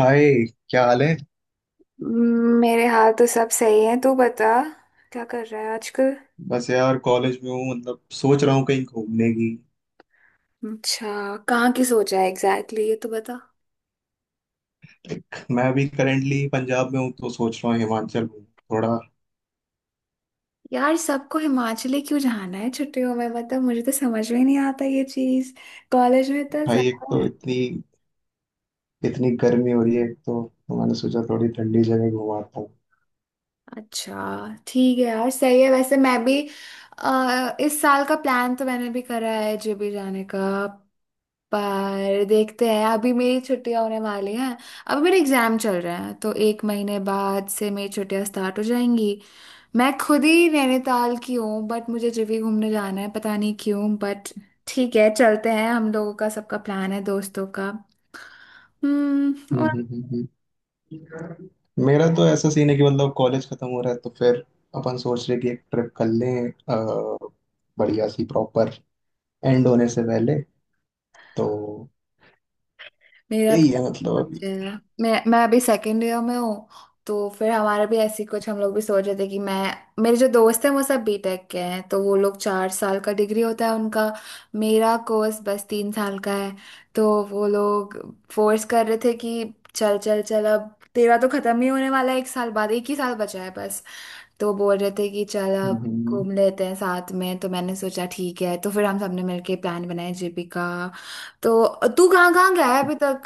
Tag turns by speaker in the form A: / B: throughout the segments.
A: हाय। क्या हाल है।
B: मेरे हाल तो सब सही है। तू बता, क्या कर रहा है आजकल?
A: बस यार कॉलेज में हूँ, मतलब सोच रहा हूँ कहीं घूमने की।
B: अच्छा, कहाँ की सोचा है एग्जैक्टली exactly, ये तो बता।
A: एक, मैं अभी करेंटली पंजाब में हूँ तो सोच रहा हूँ हिमाचल में थोड़ा।
B: यार, सबको हिमाचली क्यों जाना है छुट्टियों में? मतलब मुझे तो समझ में नहीं आता ये चीज, कॉलेज में तो
A: भाई, एक
B: ज्यादा।
A: तो इतनी इतनी गर्मी हो रही है, एक तो मैंने सोचा थोड़ी ठंडी जगह घुमाता हूँ।
B: अच्छा। ठीक है यार, सही है। वैसे मैं भी इस साल का प्लान तो मैंने भी करा है जेबी जाने का। पर देखते हैं, अभी मेरी छुट्टियां होने वाली हैं। अभी मेरे एग्जाम चल रहे हैं तो 1 महीने बाद से मेरी छुट्टियां स्टार्ट हो जाएंगी। मैं खुद ही नैनीताल की हूँ बट मुझे जेबी घूमने जाना है, पता नहीं क्यों। बट ठीक है, चलते हैं। हम लोगों का सबका प्लान है दोस्तों का। हम्म।
A: हम्म, हम्म, हम्म, मेरा तो ऐसा सीन है कि मतलब कॉलेज खत्म हो रहा है, तो फिर अपन सोच रहे कि एक ट्रिप कर लें, बढ़िया सी, प्रॉपर एंड होने से पहले, तो
B: मेरा
A: यही
B: तो
A: है मतलब अभी।
B: बच्चे हैं। मैं अभी सेकेंड ईयर में हूँ। तो फिर हमारा भी ऐसी कुछ, हम लोग भी सोच रहे थे कि मैं, मेरे जो दोस्त हैं वो सब बीटेक के हैं तो वो लोग, 4 साल का डिग्री होता है उनका। मेरा कोर्स बस 3 साल का है। तो वो लोग फोर्स कर रहे थे कि चल चल चल, अब तेरा तो खत्म ही होने वाला है, 1 साल बाद एक ही साल बचा है बस। तो बोल रहे थे कि चल
A: हम्म,
B: अब
A: हम्म, हम्म।
B: घूम लेते हैं साथ में, तो मैंने सोचा ठीक है। तो फिर हम सबने मिलके प्लान बनाया जेपी का। तो तू कहाँ कहाँ गया है अभी तक,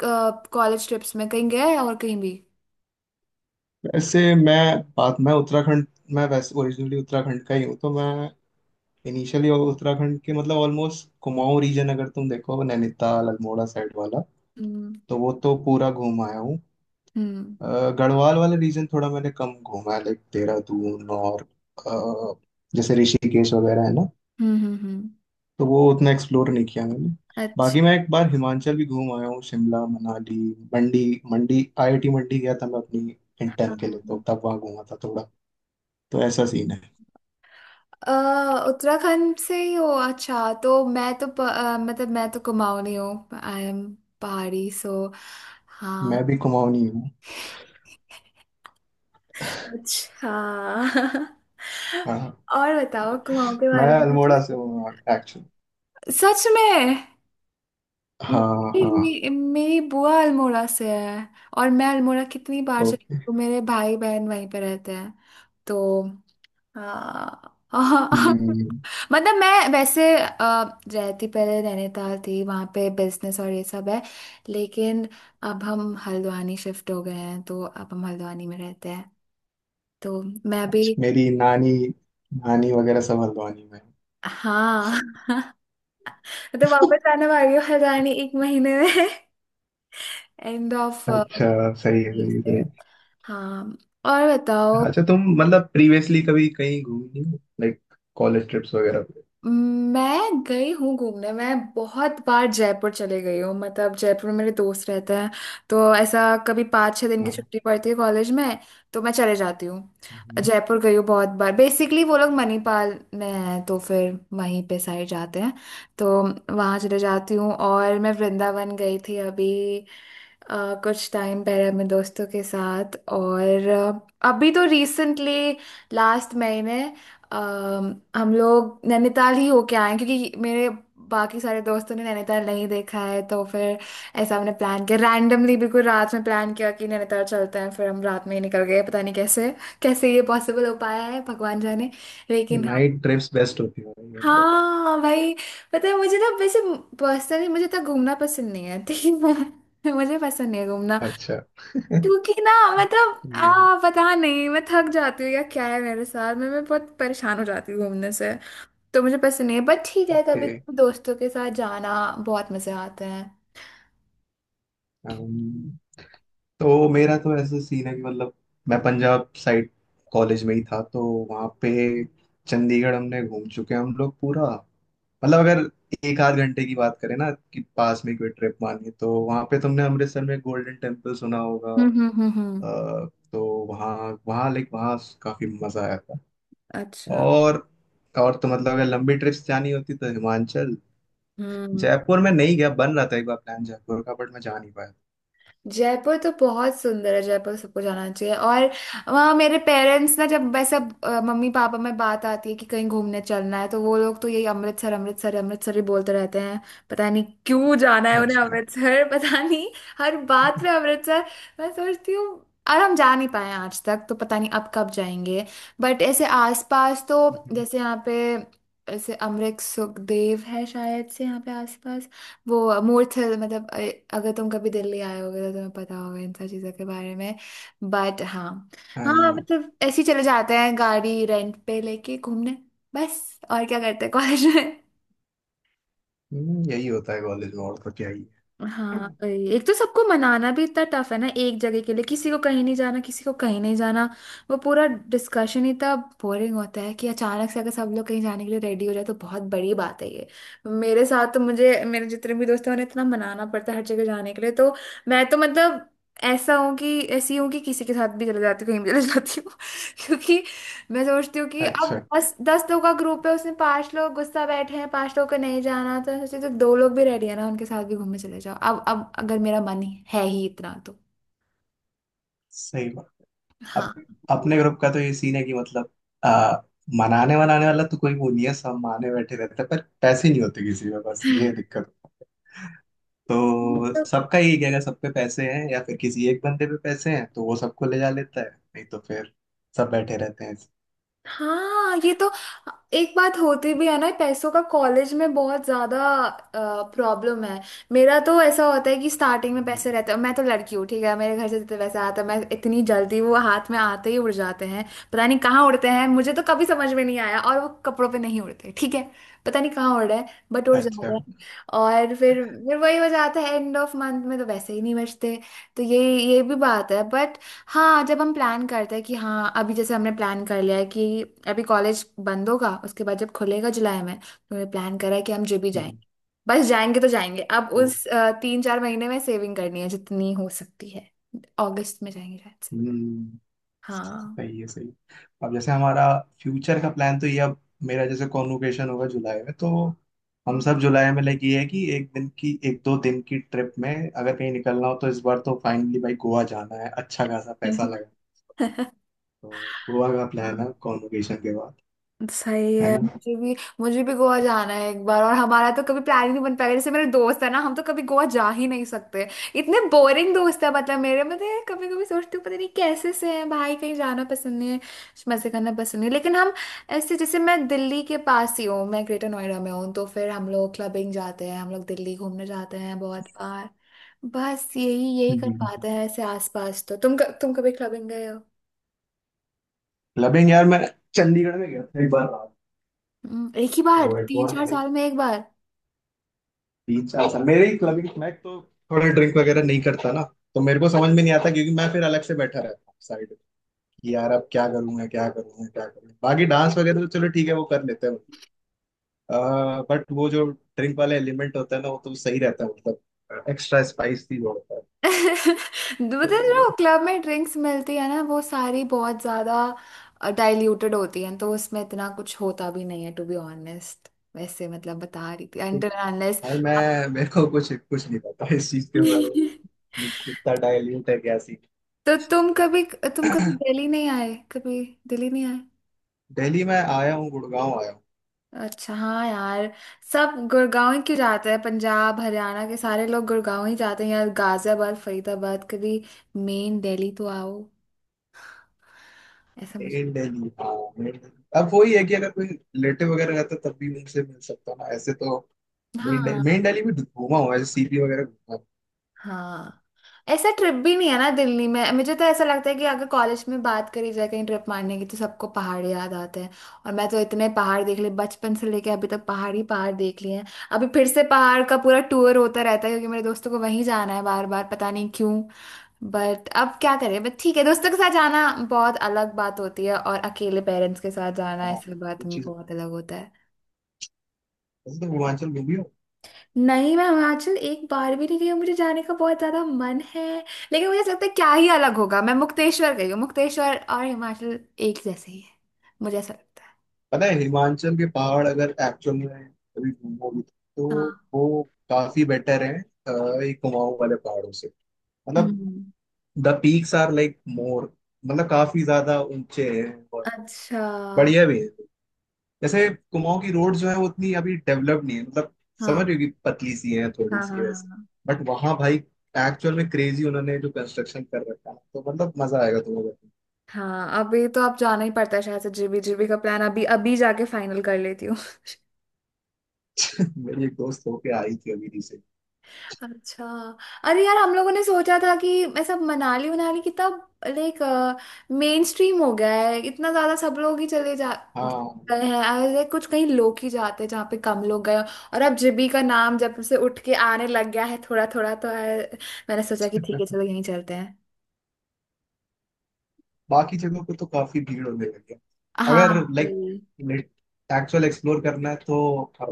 B: कॉलेज ट्रिप्स में कहीं गया है और कहीं भी?
A: वैसे मैं बात मैं उत्तराखंड मैं वैसे ओरिजिनली उत्तराखंड का ही हूँ, तो मैं इनिशियली उत्तराखंड के, मतलब ऑलमोस्ट कुमाऊं रीजन, अगर तुम देखो नैनीताल अल्मोड़ा साइड वाला,
B: हम्म
A: तो वो तो पूरा घूम आया हूँ।
B: हम्म
A: गढ़वाल वाला रीजन थोड़ा मैंने कम घूमा है, लाइक देहरादून और अ, जैसे ऋषिकेश वगैरह है ना,
B: हम्म हम्म हम्म।
A: तो वो उतना एक्सप्लोर नहीं किया मैंने।
B: अच्छा,
A: बाकी मैं एक बार हिमाचल भी घूम आया हूँ। शिमला, मनाली, मंडी। मंडी आईआईटी मंडी गया था मैं अपनी इंटर्न के लिए,
B: हाँ।
A: तो तब वहाँ घूमा था थोड़ा। तो ऐसा सीन है।
B: उत्तराखंड से ही हो? अच्छा, तो मैं तो मतलब मैं तो कुमाऊनी हूँ, आई एम पहाड़ी, सो, हाँ।
A: मैं भी कुमाऊनी हूँ।
B: अच्छा।
A: हाँ,
B: और बताओ कुमाऊँ के
A: मैं
B: बारे में कुछ।
A: अल्मोड़ा से हूँ एक्चुअली।
B: सच में?
A: हाँ, हाँ।
B: मेरी, मेरी बुआ अल्मोड़ा से है। और मैं अल्मोड़ा कितनी बार चली
A: ओके।
B: हूँ, मेरे भाई बहन वहीं पे रहते हैं। तो आ,
A: हम्म।
B: मतलब मैं वैसे रहती पहले नैनीताल थी, वहाँ पे बिजनेस और ये सब है। लेकिन अब हम हल्द्वानी शिफ्ट हो गए हैं तो अब हम हल्द्वानी में रहते हैं। तो मैं भी,
A: अच्छा, मेरी नानी, नानी वगैरह सब हल्द्वानी में हैं।
B: हाँ, तो वापस आने वाली हूँ हल्द्वानी 1 महीने में। एंड ऑफ,
A: अच्छा। सही है,
B: जी,
A: सही है,
B: से
A: सही
B: हाँ। और
A: है।
B: बताओ।
A: अच्छा, तुम मतलब प्रीवियसली कभी कहीं घूमी हो, लाइक कॉलेज ट्रिप्स वगैरह पे?
B: मैं गई हूँ घूमने। मैं बहुत बार जयपुर चले गई हूँ, मतलब जयपुर में मेरे दोस्त रहते हैं। तो ऐसा कभी 5-6 दिन की
A: हाँ,
B: छुट्टी पड़ती है कॉलेज में तो मैं चले जाती हूँ। जयपुर गई हूँ बहुत बार, बेसिकली वो लोग मणिपाल में हैं तो फिर वहीं पे साइड जाते हैं, तो वहाँ चले जाती हूँ। और मैं वृंदावन गई थी अभी, कुछ टाइम पहले अपने दोस्तों के साथ। और अभी तो रिसेंटली लास्ट महीने, अम, हम लोग नैनीताल ही होके आए हैं, क्योंकि मेरे बाकी सारे दोस्तों ने नैनीताल नहीं देखा है, तो फिर ऐसा हमने प्लान किया रैंडमली, बिल्कुल रात में प्लान किया कि नैनीताल चलते हैं, फिर हम रात में ही निकल गए, पता नहीं कैसे कैसे ये पॉसिबल हो पाया है, भगवान जाने। लेकिन हाँ,
A: नाइट ट्रिप्स बेस्ट होती है, मतलब।
B: हाँ भाई। पता है मुझे ना वैसे, पर्सनली मुझे तो घूमना पसंद नहीं है, ठीक है। मुझे पसंद नहीं है घूमना,
A: अच्छा।
B: क्योंकि ना, मतलब
A: ये।
B: आ पता नहीं, मैं थक जाती हूँ या क्या है मेरे साथ, मैं बहुत परेशान हो जाती हूँ घूमने से। तो मुझे पसंद नहीं है, बट ठीक है
A: ओके।
B: कभी कभी दोस्तों के साथ जाना बहुत मजे आते हैं।
A: तो मेरा तो ऐसा सीन है कि मतलब मैं पंजाब साइड कॉलेज में ही था, तो वहाँ पे चंडीगढ़ हमने घूम चुके हैं हम लोग पूरा। मतलब अगर एक आध घंटे की बात करें, ना कि पास में कोई ट्रिप, मानिए, तो वहाँ पे तुमने अमृतसर में गोल्डन टेम्पल सुना होगा।
B: हम्म हम्म हम्म हम्म।
A: अ, तो वहाँ वहाँ लाइक वहाँ काफी मजा आया था।
B: अच्छा।
A: और तो मतलब अगर लंबी ट्रिप्स जानी होती तो हिमाचल।
B: हम्म।
A: जयपुर में नहीं गया, बन रहा था एक बार प्लान जयपुर का, बट मैं जा नहीं पाया।
B: जयपुर तो बहुत सुंदर है, जयपुर सबको जाना चाहिए। और वहाँ मेरे पेरेंट्स ना, जब वैसे अब, मम्मी पापा में बात आती है कि कहीं घूमने चलना है, तो वो लोग तो यही अमृतसर अमृतसर अमृतसर ही बोलते रहते हैं, पता नहीं क्यों जाना है उन्हें
A: अच्छा।
B: अमृतसर। पता नहीं, हर बात में अमृतसर, मैं सोचती हूँ। और हम जा नहीं पाए हैं आज तक, तो पता नहीं अब कब जाएंगे। बट ऐसे आसपास तो, जैसे यहाँ पे, ऐसे अमरीक सुखदेव है शायद से यहाँ पे आसपास, वो मूर्थल, मतलब अगर तुम कभी दिल्ली आए होगे तो तुम्हें पता होगा इन सब चीज़ों के बारे में, बट हाँ। हाँ,
A: हम्म।
B: मतलब ऐसे ही चले जाते हैं गाड़ी रेंट पे लेके घूमने, बस। और क्या करते हैं कॉलेज में?
A: यही होता है कॉलेज में, और तो क्या ही है।
B: हाँ वही। एक तो सबको मनाना भी इतना टफ है ना एक जगह के लिए, किसी को कहीं नहीं जाना, किसी को कहीं नहीं जाना, वो पूरा डिस्कशन ही इतना बोरिंग होता है कि अचानक से अगर सब लोग कहीं जाने के लिए रेडी हो जाए तो बहुत बड़ी बात है ये। मेरे साथ तो, मुझे, मेरे जितने भी दोस्त हैं उन्हें इतना मनाना पड़ता है हर जगह जाने के लिए। तो मैं तो मतलब ऐसा हूँ कि ऐसी हूँ कि किसी के साथ भी चले जाती हूँ, कहीं भी चले जाती हूँ। क्योंकि मैं सोचती हूँ कि अब
A: अच्छा।
B: दस दस लोग का ग्रुप है, उसमें पांच लोग गुस्सा बैठे हैं, पांच लोग को नहीं जाना, तो सोचती हूँ दो लोग भी रेडी है ना, उनके साथ भी घूमने चले जाओ। अब अगर मेरा मन है ही इतना तो,
A: सही बात। अब
B: हाँ।
A: अपने ग्रुप का तो ये सीन है कि मतलब आ, मनाने वनाने वाला तो कोई वो नहीं है, सब माने बैठे रहते हैं, पर पैसे नहीं होते किसी में, बस ये दिक्कत। तो
B: तो
A: सबका यही कहेगा, सब पे पैसे हैं या फिर किसी एक बंदे पे पैसे हैं तो वो सबको ले जा लेता है, नहीं तो फिर सब बैठे रहते हैं।
B: हाँ, ये तो एक बात होती भी है ना, पैसों का कॉलेज में बहुत ज्यादा प्रॉब्लम है। मेरा तो ऐसा होता है कि स्टार्टिंग में पैसे रहते
A: हम्म।
B: हैं, मैं तो लड़की हूँ ठीक है, मेरे घर से जितने पैसे आते हैं मैं इतनी जल्दी वो हाथ में आते ही उड़ जाते हैं, पता नहीं कहाँ उड़ते हैं, मुझे तो कभी समझ में नहीं आया। और वो कपड़ों पे नहीं उड़ते ठीक है, पता नहीं कहाँ उड़ रहे हैं बट उड़
A: अच्छा।
B: जाते हैं। और फिर वही हो जाता है, एंड ऑफ मंथ में तो वैसे ही नहीं बचते। तो ये भी बात है। हाँ जब हम प्लान करते हैं कि, हाँ अभी जैसे हमने प्लान कर लिया है कि अभी कॉलेज बंद होगा, उसके बाद जब खुलेगा जुलाई में, तो हमने प्लान करा है कि हम जो भी
A: हम्म,
B: जाएंगे बस जाएंगे, तो जाएंगे। अब
A: ओ,
B: उस 3-4 महीने में सेविंग करनी है जितनी हो सकती है, अगस्त में जाएंगे शायद से,
A: हम्म,
B: हाँ।
A: सही है, सही है। अब जैसे हमारा फ्यूचर का प्लान तो ये, अब मेरा जैसे कॉन्वोकेशन होगा जुलाई में, तो हम सब जुलाई में लाइक ये है कि एक दो दिन की ट्रिप में अगर कहीं निकलना हो, तो इस बार तो फाइनली भाई गोवा जाना है, अच्छा खासा पैसा लगा। तो गोवा का
B: हाँ
A: प्लान है कॉन्वोकेशन के बाद,
B: सही
A: है
B: है,
A: ना?
B: मुझे भी, मुझे भी गोवा जाना है एक बार। और हमारा तो कभी प्लान ही नहीं बन पाएगा, जैसे मेरे दोस्त है ना, हम तो कभी गोवा जा ही नहीं सकते, इतने बोरिंग दोस्त है मतलब मेरे, मतलब कभी कभी सोचती हूँ पता नहीं कैसे से हैं भाई, कहीं जाना पसंद नहीं है, मजे करना पसंद नहीं है। लेकिन हम ऐसे, जैसे मैं दिल्ली के पास ही हूँ, मैं ग्रेटर नोएडा में हूँ, तो फिर हम लोग क्लबिंग जाते हैं, हम लोग दिल्ली घूमने जाते हैं बहुत बार, बस यही यही कर पाते हैं ऐसे आसपास। तो तुम कभी क्लबिंग गए हो?
A: क्लबिंग यार, मैं चंडीगढ़ में गया था एक बार रात।
B: एक ही बार,
A: तो एक
B: तीन
A: बार,
B: चार साल में एक बार।
A: तीन चार साल मेरे ही क्लबिंग, मैं तो थोड़ा ड्रिंक वगैरह नहीं करता ना, तो मेरे को समझ में नहीं आता, क्योंकि मैं फिर अलग से बैठा रहता हूँ साइड, कि यार अब क्या करूंगा, क्या करूंगा, क्या करूंगा। बाकी डांस वगैरह तो चलो ठीक है, वो कर लेते हैं। बट वो जो ड्रिंक वाला एलिमेंट होता है ना, वो तो सही रहता है, मतलब एक्स्ट्रा स्पाइस भी जोड़ता है।
B: मतलब
A: तो
B: जो क्लब में ड्रिंक्स मिलती है ना वो सारी बहुत ज्यादा डाइल्यूटेड होती हैं, तो उसमें इतना कुछ होता भी नहीं है, टू बी ऑनेस्ट। वैसे मतलब बता रही थी, अंटर
A: कुछ
B: अनलेस
A: भाई,
B: आप।
A: मैं मेरे को कुछ कुछ नहीं पता इस चीज के बारे में, कि कितना डाइल्यूट है, क्या सीन।
B: तो तुम कभी दिल्ली नहीं आए? कभी दिल्ली नहीं आए?
A: दिल्ली में आया हूँ, गुड़गांव आया हूँ।
B: अच्छा, हाँ यार, सब गुड़गांव ही क्यों जाते हैं, पंजाब हरियाणा के सारे लोग गुड़गांव ही जाते हैं यार, गाजियाबाद, फरीदाबाद कभी, मेन दिल्ली तो आओ। ऐसा मुझे,
A: मेन दिल्ली, हाँ, मेन दिल्ली, अब वही है कि अगर कोई रिलेटिव वगैरह रहता तब भी उनसे मिल सकता हूँ ना, ऐसे तो मेन दिल्ली, मेन
B: हाँ
A: दिल्ली भी घूमा हूँ, ऐसे सीपी वगैरह घूमा हूँ।
B: हाँ, ऐसा ट्रिप भी नहीं है ना दिल्ली में। मुझे तो ऐसा लगता है कि अगर कॉलेज में बात करी जाए कहीं ट्रिप मारने की तो सबको पहाड़ याद आते हैं। और मैं तो इतने पहाड़ देख लिए बचपन से लेके अभी तक, पहाड़ ही पहाड़ देख लिए हैं। अभी फिर से पहाड़ का पूरा टूर होता रहता है क्योंकि मेरे दोस्तों को वहीं जाना है बार बार, पता नहीं क्यों। बट अब क्या करें, बट ठीक है दोस्तों के साथ जाना बहुत अलग बात होती है, और अकेले पेरेंट्स के साथ जाना
A: हाँ,
B: ऐसी बात
A: कुछ
B: में
A: चीज़-
B: बहुत अलग होता है।
A: वैसे तो पूर्वांचल घूमी हूँ।
B: नहीं, मैं हिमाचल एक बार भी नहीं गई हूँ, मुझे जाने का बहुत ज्यादा मन है। लेकिन मुझे ऐसा लगता है क्या ही अलग होगा, मैं मुक्तेश्वर गई हूँ, मुक्तेश्वर और हिमाचल एक जैसे ही है, मुझे ऐसा लगता है।
A: पता है, हिमाचल के पहाड़ अगर एक्चुअल में कभी घूमोगे तो
B: हाँ।
A: वो काफी बेटर है। अ, ये कुमाऊं वाले पहाड़ों से, मतलब
B: हम्म।
A: The peaks are like more, मतलब काफी ज्यादा ऊंचे हैं, और
B: अच्छा। हाँ
A: बढ़िया भी है। जैसे कुमाऊं की रोड जो है वो उतनी अभी डेवलप नहीं है, मतलब समझ रहे हो कि पतली सी है थोड़ी
B: हाँ हाँ
A: सी वैसे।
B: हाँ
A: बट वहां भाई एक्चुअल में क्रेजी, उन्होंने जो कंस्ट्रक्शन कर रखा है, तो मतलब मजा आएगा तुम्हें।
B: हाँ, अभी तो अब जाना ही पड़ता है शायद से, जीबी, जीबी का प्लान अभी अभी जाके फाइनल कर लेती हूँ।
A: मेरी एक दोस्त होके आई थी अभी रिसेंट।
B: अच्छा, अरे यार हम लोगों ने सोचा था कि मैं, सब मनाली मनाली कितना, लाइक, मेन स्ट्रीम हो गया है इतना ज्यादा, सब लोग ही चले जा
A: हाँ।
B: गए हैं, और like, कुछ कहीं लोग ही जाते हैं जहाँ पे कम लोग गए हों। और अब जिबी का नाम जब से उठ के आने लग गया है थोड़ा थोड़ा, तो है, मैंने सोचा कि ठीक है चलो यहीं चलते हैं।
A: बाकी जगहों पे तो काफी भीड़ होने लगी है।
B: हाँ।
A: अगर लाइक
B: हम्म,
A: एक्चुअल एक्सप्लोर करना है तो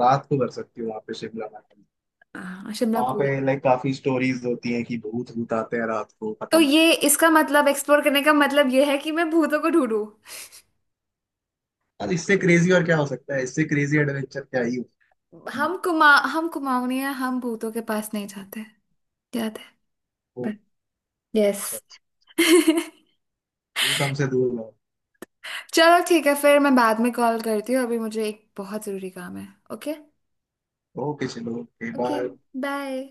A: रात को कर सकती हो वहाँ पे शिमला में।
B: हाँ शिमला
A: वहाँ पे
B: कूल।
A: लाइक काफी स्टोरीज होती हैं कि भूत भूत आते हैं रात को, पता
B: तो
A: नहीं क्या।
B: ये इसका मतलब एक्सप्लोर करने का मतलब ये है कि मैं भूतों को ढूंढूं?
A: और इससे क्रेजी और क्या हो सकता है, इससे क्रेजी एडवेंचर क्या ही हो।
B: हम कुमाऊनी हैं, हम भूतों के पास नहीं जाते। याद
A: ओ।
B: है, यस।
A: अच्छा, भूत हमसे दूर रहो।
B: चलो ठीक है, फिर मैं बाद में कॉल करती हूँ, अभी मुझे एक बहुत ज़रूरी काम है। ओके,
A: ओके चलो। ओके।
B: Okay
A: bye.
B: बाय।